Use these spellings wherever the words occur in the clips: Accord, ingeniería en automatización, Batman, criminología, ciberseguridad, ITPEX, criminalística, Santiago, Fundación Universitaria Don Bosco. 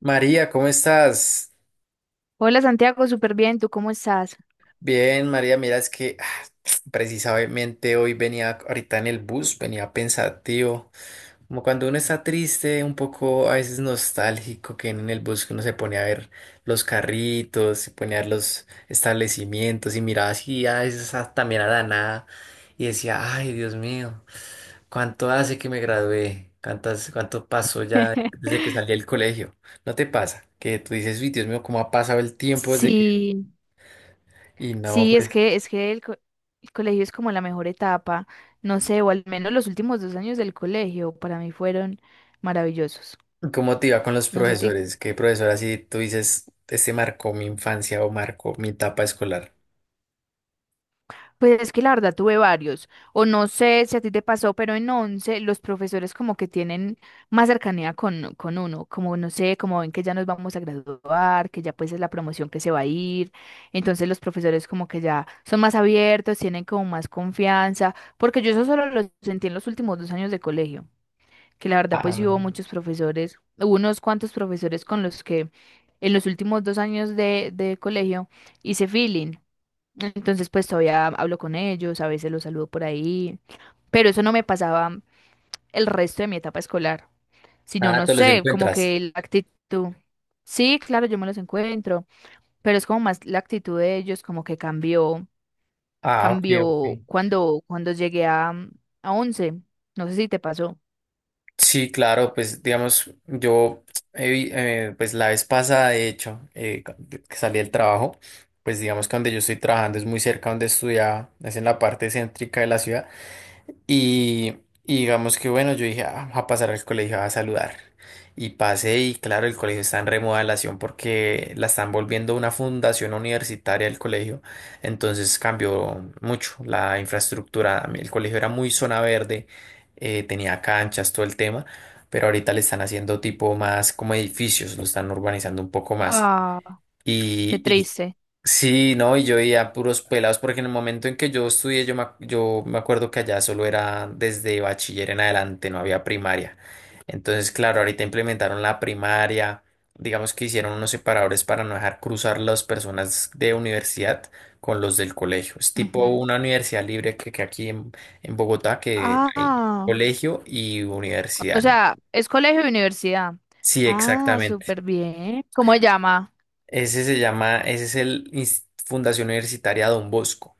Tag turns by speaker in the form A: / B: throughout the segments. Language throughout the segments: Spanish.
A: María, ¿cómo estás?
B: Hola Santiago, súper bien, ¿tú cómo estás?
A: Bien, María, mira, es que precisamente hoy venía ahorita en el bus, venía pensativo, como cuando uno está triste, un poco a veces nostálgico, que en el bus que uno se pone a ver los carritos, se pone a ver los establecimientos y miraba así a veces también a la nada y decía, ay, Dios mío, ¿cuánto hace que me gradué? ¿¿Cuánto pasó ya desde que salí del colegio? ¿No te pasa? Que tú dices, uy, Dios mío, ¿cómo ha pasado el tiempo desde que?
B: Sí,
A: Y no,
B: sí, es
A: pues,
B: que, es que el colegio es como la mejor etapa, no sé, o al menos los últimos dos años del colegio para mí fueron maravillosos.
A: ¿cómo te iba con los
B: No sé a ti.
A: profesores? ¿Qué profesor así tú dices, este marcó mi infancia o marcó mi etapa escolar?
B: Pues es que la verdad tuve varios, o no sé si a ti te pasó, pero en once los profesores como que tienen más cercanía con uno, como no sé, como ven que ya nos vamos a graduar, que ya pues es la promoción que se va a ir, entonces los profesores como que ya son más abiertos, tienen como más confianza, porque yo eso solo lo sentí en los últimos dos años de colegio, que la verdad pues
A: Ah.
B: sí hubo muchos profesores, hubo unos cuantos profesores con los que en los últimos dos años de colegio hice feeling. Entonces, pues todavía hablo con ellos, a veces los saludo por ahí, pero eso no me pasaba el resto de mi etapa escolar, sino,
A: Ah,
B: no
A: te los
B: sé, como
A: encuentras.
B: que la actitud. Sí, claro, yo me los encuentro, pero es como más la actitud de ellos, como que cambió,
A: Ah, ok, ok.
B: cambió cuando llegué a once. No sé si te pasó.
A: Sí, claro, pues digamos, yo, pues la vez pasada, de hecho, que salí del trabajo, pues digamos que donde yo estoy trabajando es muy cerca donde estudiaba, es en la parte céntrica de la ciudad. Y, y digamos que bueno, yo dije, "Ah, voy a pasar al colegio a saludar". Y pasé y claro, el colegio está en remodelación porque la están volviendo una fundación universitaria el colegio. Entonces cambió mucho la infraestructura. El colegio era muy zona verde, tenía canchas, todo el tema, pero ahorita le están haciendo tipo más como edificios, lo están urbanizando un poco más.
B: Ah. Qué
A: Y
B: triste.
A: sí, no, y yo veía puros pelados, porque en el momento en que yo estudié, yo me acuerdo que allá solo era desde bachiller en adelante, no había primaria. Entonces, claro, ahorita implementaron la primaria, digamos que hicieron unos separadores para no dejar cruzar las personas de universidad con los del colegio. Es tipo
B: Ujú.
A: una universidad libre que aquí en Bogotá, que hay
B: Ah.
A: colegio y
B: O
A: universidad, ¿no?
B: sea, es colegio y universidad.
A: Sí,
B: Ah,
A: exactamente.
B: súper bien. ¿Cómo se llama?
A: Ese se llama, ese es el Fundación Universitaria Don Bosco.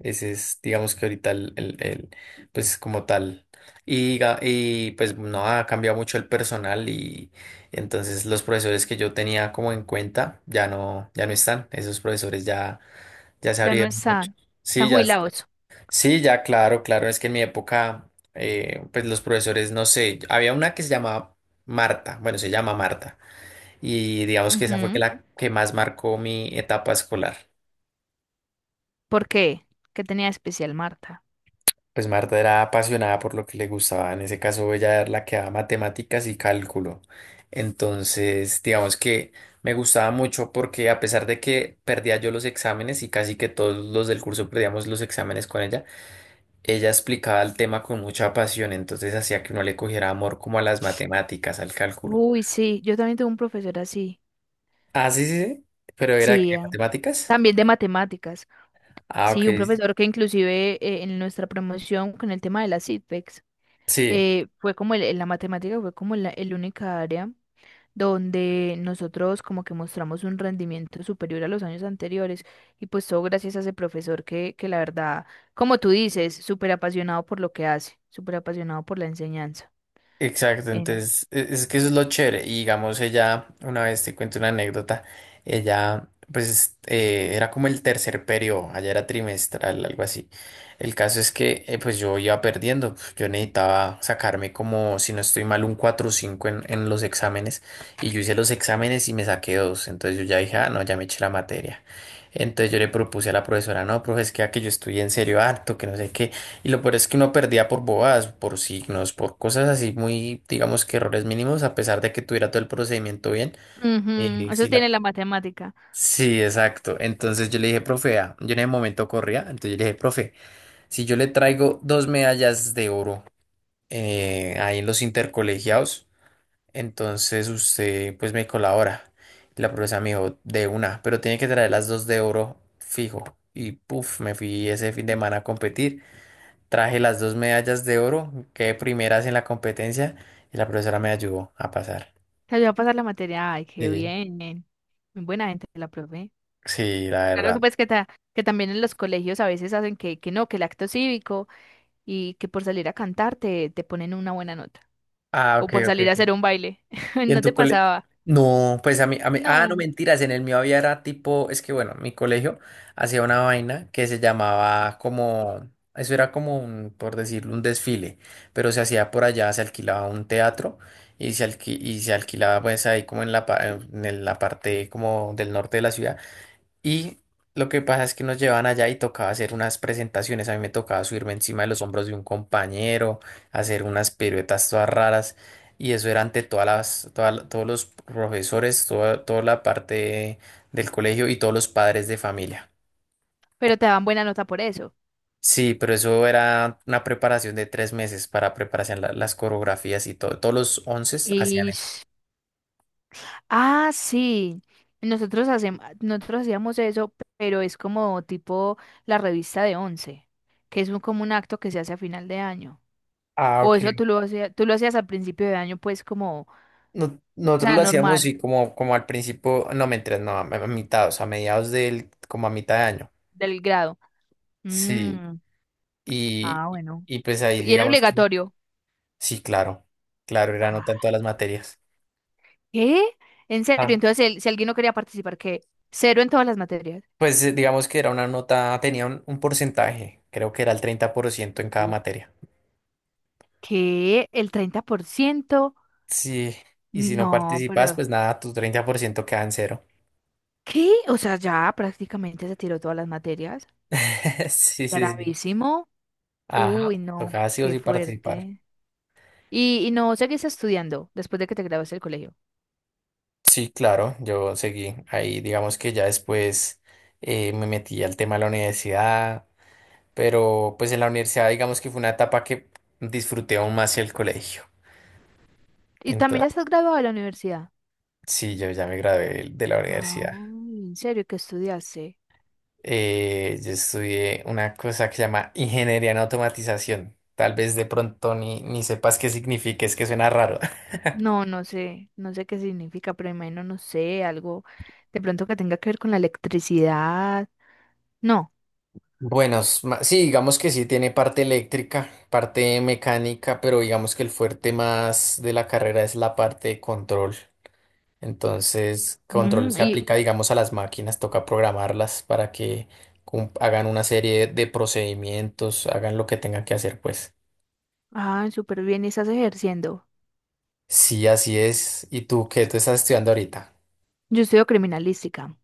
A: Ese es, digamos que ahorita pues como tal. Y, y pues no ha cambiado mucho el personal y entonces los profesores que yo tenía como en cuenta ya no, ya no están. Esos profesores ya, ya se
B: Ya no
A: abrieron mucho.
B: está. Está
A: Sí, ya,
B: jubilado eso.
A: sí, ya, claro, claro. Es que en mi época, pues los profesores, no sé, había una que se llamaba Marta, bueno, se llama Marta. Y digamos que esa fue que
B: Ujú.
A: la que más marcó mi etapa escolar.
B: ¿Por qué? ¿Qué tenía de especial Marta?
A: Pues Marta era apasionada por lo que le gustaba. En ese caso, ella era la que daba matemáticas y cálculo. Entonces, digamos que me gustaba mucho porque a pesar de que perdía yo los exámenes y casi que todos los del curso perdíamos los exámenes con ella, ella explicaba el tema con mucha pasión. Entonces hacía que uno le cogiera amor como a las matemáticas, al cálculo.
B: Uy, sí, yo también tuve un profesor así.
A: Ah, sí, sí, sí. Pero era
B: Sí,
A: que matemáticas.
B: también de matemáticas.
A: Ah,
B: Sí,
A: ok.
B: un profesor que inclusive en nuestra promoción con el tema de las ITPEX,
A: Sí.
B: fue como la matemática fue como la, el única área donde nosotros como que mostramos un rendimiento superior a los años anteriores y pues todo gracias a ese profesor que la verdad, como tú dices, súper apasionado por lo que hace, súper apasionado por la enseñanza.
A: Exacto,
B: En-
A: entonces es que eso es lo chévere. Y digamos, ella, una vez te cuento una anécdota, ella pues era como el tercer periodo, allá era trimestral, algo así. El caso es que pues yo iba perdiendo, pues, yo necesitaba sacarme como, si no estoy mal, un 4 o 5 en los exámenes. Y yo hice los exámenes y me saqué dos, entonces yo ya dije, ah, no, ya me eché la materia. Entonces yo le propuse a la profesora, no, profe, es que a que yo estudié en serio harto, que no sé qué. Y lo peor es que uno perdía por bobadas, por signos, por cosas así muy, digamos que errores mínimos, a pesar de que tuviera todo el procedimiento bien.
B: Ujú.
A: Sí,
B: Eso
A: la...
B: tiene la matemática.
A: sí, exacto. Entonces yo le dije, profe, vea, yo en ese momento corría, entonces yo le dije, profe, si yo le traigo dos medallas de oro ahí en los intercolegiados, entonces usted pues me colabora. Y la profesora me dijo, de una, pero tiene que traer las dos de oro fijo. Y puf, me fui ese fin de semana a competir. Traje las dos medallas de oro, quedé primeras en la competencia y la profesora me ayudó a pasar.
B: Te ayudó a pasar la materia. Ay, qué
A: Sí,
B: bien. Muy buena gente la profe.
A: sí, la
B: Claro que
A: verdad.
B: pues que también en los colegios a veces hacen que no, que el acto cívico y que por salir a cantar te ponen una buena nota.
A: Ah,
B: O
A: ok,
B: por
A: ok,
B: salir a
A: ok.
B: hacer un baile.
A: ¿Y en
B: No te
A: tu cole?
B: pasaba.
A: No, pues a mí, ah, no
B: No,
A: mentiras, en el mío había era tipo, es que bueno, mi colegio hacía una vaina que se llamaba como, eso era como un, por decirlo, un desfile, pero se hacía por allá, se alquilaba un teatro y y se alquilaba pues ahí como en la, en la parte como del norte de la ciudad. Y lo que pasa es que nos llevaban allá y tocaba hacer unas presentaciones. A mí me tocaba subirme encima de los hombros de un compañero, hacer unas piruetas todas raras. Y eso era ante todas las, todos los profesores, toda, toda la parte del colegio y todos los padres de familia.
B: pero te daban buena nota por eso.
A: Sí, pero eso era una preparación de 3 meses para prepararse en las coreografías y todo. Todos los once hacían
B: Y
A: eso.
B: s- ah, sí. Nosotros hacíamos eso, pero es como tipo la revista de once, que es como un acto que se hace a final de año.
A: Ah,
B: O
A: ok.
B: eso tú lo hacías al principio de año, pues como, o
A: Nosotros
B: sea,
A: lo hacíamos
B: normal,
A: y como, como al principio, no, mentiras, no, a mitad, o sea, a mediados del, como a mitad de año.
B: del grado.
A: Sí,
B: Mm,
A: y,
B: ah, bueno.
A: y pues ahí
B: Y era
A: digamos que
B: obligatorio.
A: sí, claro, claro, era nota en todas
B: Ah,
A: las materias.
B: ¿qué? En serio,
A: Ah,
B: entonces si alguien no quería participar, ¿qué? Cero en todas las materias.
A: pues digamos que era una nota, tenía un porcentaje, creo que era el 30% en cada
B: Sí.
A: materia.
B: ¿Qué? ¿El 30%?
A: Sí, y si no
B: No,
A: participas,
B: pero...
A: pues nada, tu 30% queda en cero.
B: ¿Qué? O sea, ya prácticamente se tiró todas las materias.
A: Sí, sí, sí.
B: Gravísimo.
A: Ajá,
B: Uy, no,
A: tocaba sí o
B: qué
A: sí participar.
B: fuerte. Y no, ¿seguís estudiando después de que te gradúes del colegio?
A: Sí, claro, yo seguí ahí, digamos que ya después me metí al tema de la universidad. Pero pues en la universidad digamos que fue una etapa que disfruté aún más el colegio.
B: Y también
A: Entonces,
B: ya estás graduado de la universidad.
A: sí, yo ya me gradué de la universidad.
B: Ay, ¿en serio qué estudiaste?
A: Yo estudié una cosa que se llama ingeniería en automatización. Tal vez de pronto ni sepas qué significa, es que suena raro.
B: No, no sé, no sé qué significa, pero imagino, no sé, algo de pronto que tenga que ver con la electricidad. No.
A: Bueno, sí, digamos que sí tiene parte eléctrica, parte mecánica, pero digamos que el fuerte más de la carrera es la parte de control. Entonces, control
B: Mm,
A: se
B: y,
A: aplica, digamos, a las máquinas, toca programarlas para que hagan una serie de procedimientos, hagan lo que tengan que hacer, pues.
B: ah, súper bien, ¿y estás ejerciendo?
A: Sí, así es. ¿Y tú qué? ¿Tú estás estudiando ahorita?
B: Yo estudio criminalística.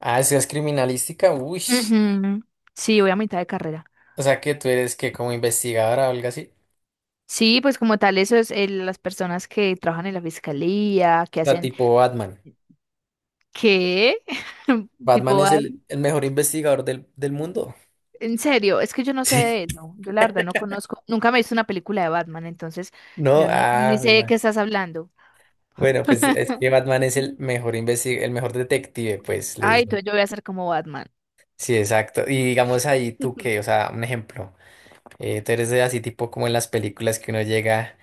A: ¿Ah, es criminalística? Uy.
B: Ujú. Sí, voy a mitad de carrera.
A: O sea, que tú eres que como investigadora o algo así.
B: Sí, pues como tal, eso es las personas que trabajan en la fiscalía, que
A: O sea,
B: hacen,
A: tipo Batman.
B: ¿qué?
A: Batman
B: Tipo.
A: es el mejor investigador del, del mundo.
B: En serio, es que yo no sé de
A: Sí.
B: eso. Yo la verdad no conozco. Nunca me he visto una película de Batman, entonces
A: No,
B: yo no ni
A: ah,
B: sé de qué estás hablando.
A: bueno, pues es que Batman es el mejor el mejor detective, pues le
B: Ay,
A: dicen.
B: entonces yo voy a ser como Batman.
A: Sí, exacto. Y digamos ahí tú que, o sea, un ejemplo, tú eres de así tipo como en las películas que uno llega,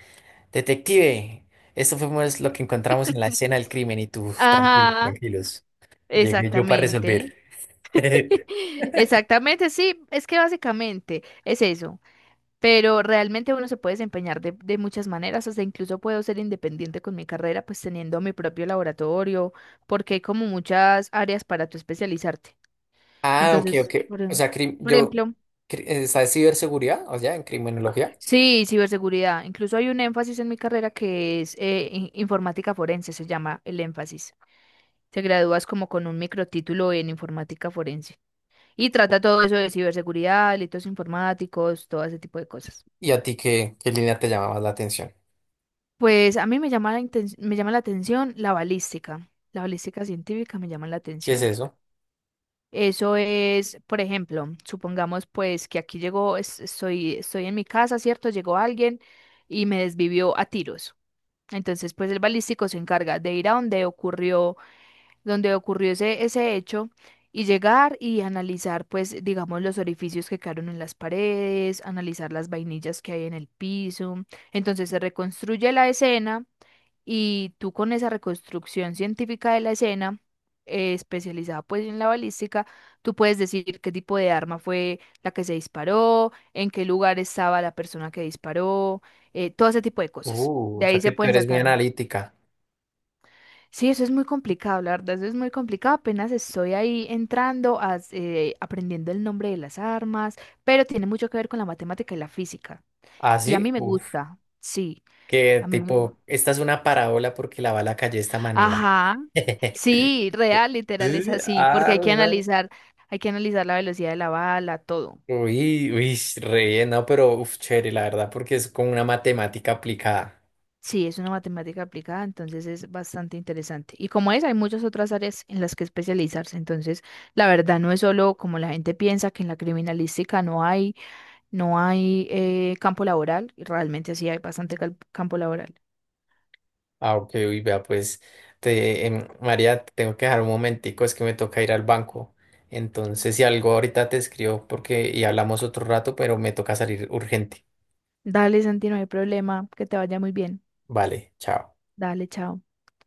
A: detective, esto fue pues lo que encontramos en la escena del crimen y tú, tranquilos,
B: Ajá,
A: tranquilos, llegué yo para
B: exactamente.
A: resolver.
B: Exactamente, sí, es que básicamente es eso. Pero realmente uno se puede desempeñar de muchas maneras, hasta incluso puedo ser independiente con mi carrera, pues teniendo mi propio laboratorio, porque hay como muchas áreas para tú especializarte.
A: Ah, ok, ok.
B: Entonces,
A: O sea,
B: por
A: yo,
B: ejemplo.
A: está ciberseguridad, o sea, en criminología.
B: Sí, ciberseguridad. Incluso hay un énfasis en mi carrera que es informática forense, se llama el énfasis. Te gradúas como con un microtítulo en informática forense y trata todo eso de ciberseguridad, delitos informáticos, todo ese tipo de cosas.
A: ¿Y a ti qué, qué línea te llama más la atención?
B: Pues a mí me llama me llama la atención la balística. La balística científica me llama la
A: ¿Qué es
B: atención.
A: eso?
B: Eso es, por ejemplo, supongamos pues que aquí llegó, estoy, estoy en mi casa, ¿cierto? Llegó alguien y me desvivió a tiros. Entonces, pues el balístico se encarga de ir a donde ocurrió ese hecho y llegar y analizar, pues, digamos, los orificios que quedaron en las paredes, analizar las vainillas que hay en el piso. Entonces se reconstruye la escena y tú con esa reconstrucción científica de la escena, especializada pues en la balística, tú puedes decir qué tipo de arma fue la que se disparó, en qué lugar estaba la persona que disparó, todo ese tipo de cosas. De
A: O sea
B: ahí
A: que
B: se
A: tú
B: pueden
A: eres muy
B: sacar.
A: analítica.
B: Sí, eso es muy complicado, la verdad, eso es muy complicado. Apenas estoy ahí entrando, aprendiendo el nombre de las armas, pero tiene mucho que ver con la matemática y la física.
A: Ah,
B: Y a
A: sí,
B: mí me
A: uf.
B: gusta, sí,
A: Que
B: a mí me
A: tipo,
B: gusta.
A: esta es una parábola porque la bala cayó de esta manera.
B: Ajá, sí, real, literal, es
A: Sí,
B: así, porque
A: ah, bueno.
B: hay que analizar la velocidad de la bala, todo.
A: Uy, uy, re bien, no, pero uf, chévere, la verdad, porque es como una matemática aplicada.
B: Sí, es una matemática aplicada, entonces es bastante interesante. Y como es, hay muchas otras áreas en las que especializarse, entonces la verdad no es solo como la gente piensa que en la criminalística no hay. No hay campo laboral, y realmente sí hay bastante campo laboral.
A: Ah, ok, uy, vea, pues, te, María, te tengo que dejar un momentico, es que me toca ir al banco. Entonces, si algo ahorita te escribo porque y hablamos otro rato, pero me toca salir urgente.
B: Dale, Santi, no hay problema, que te vaya muy bien.
A: Vale, chao.
B: Dale, chao.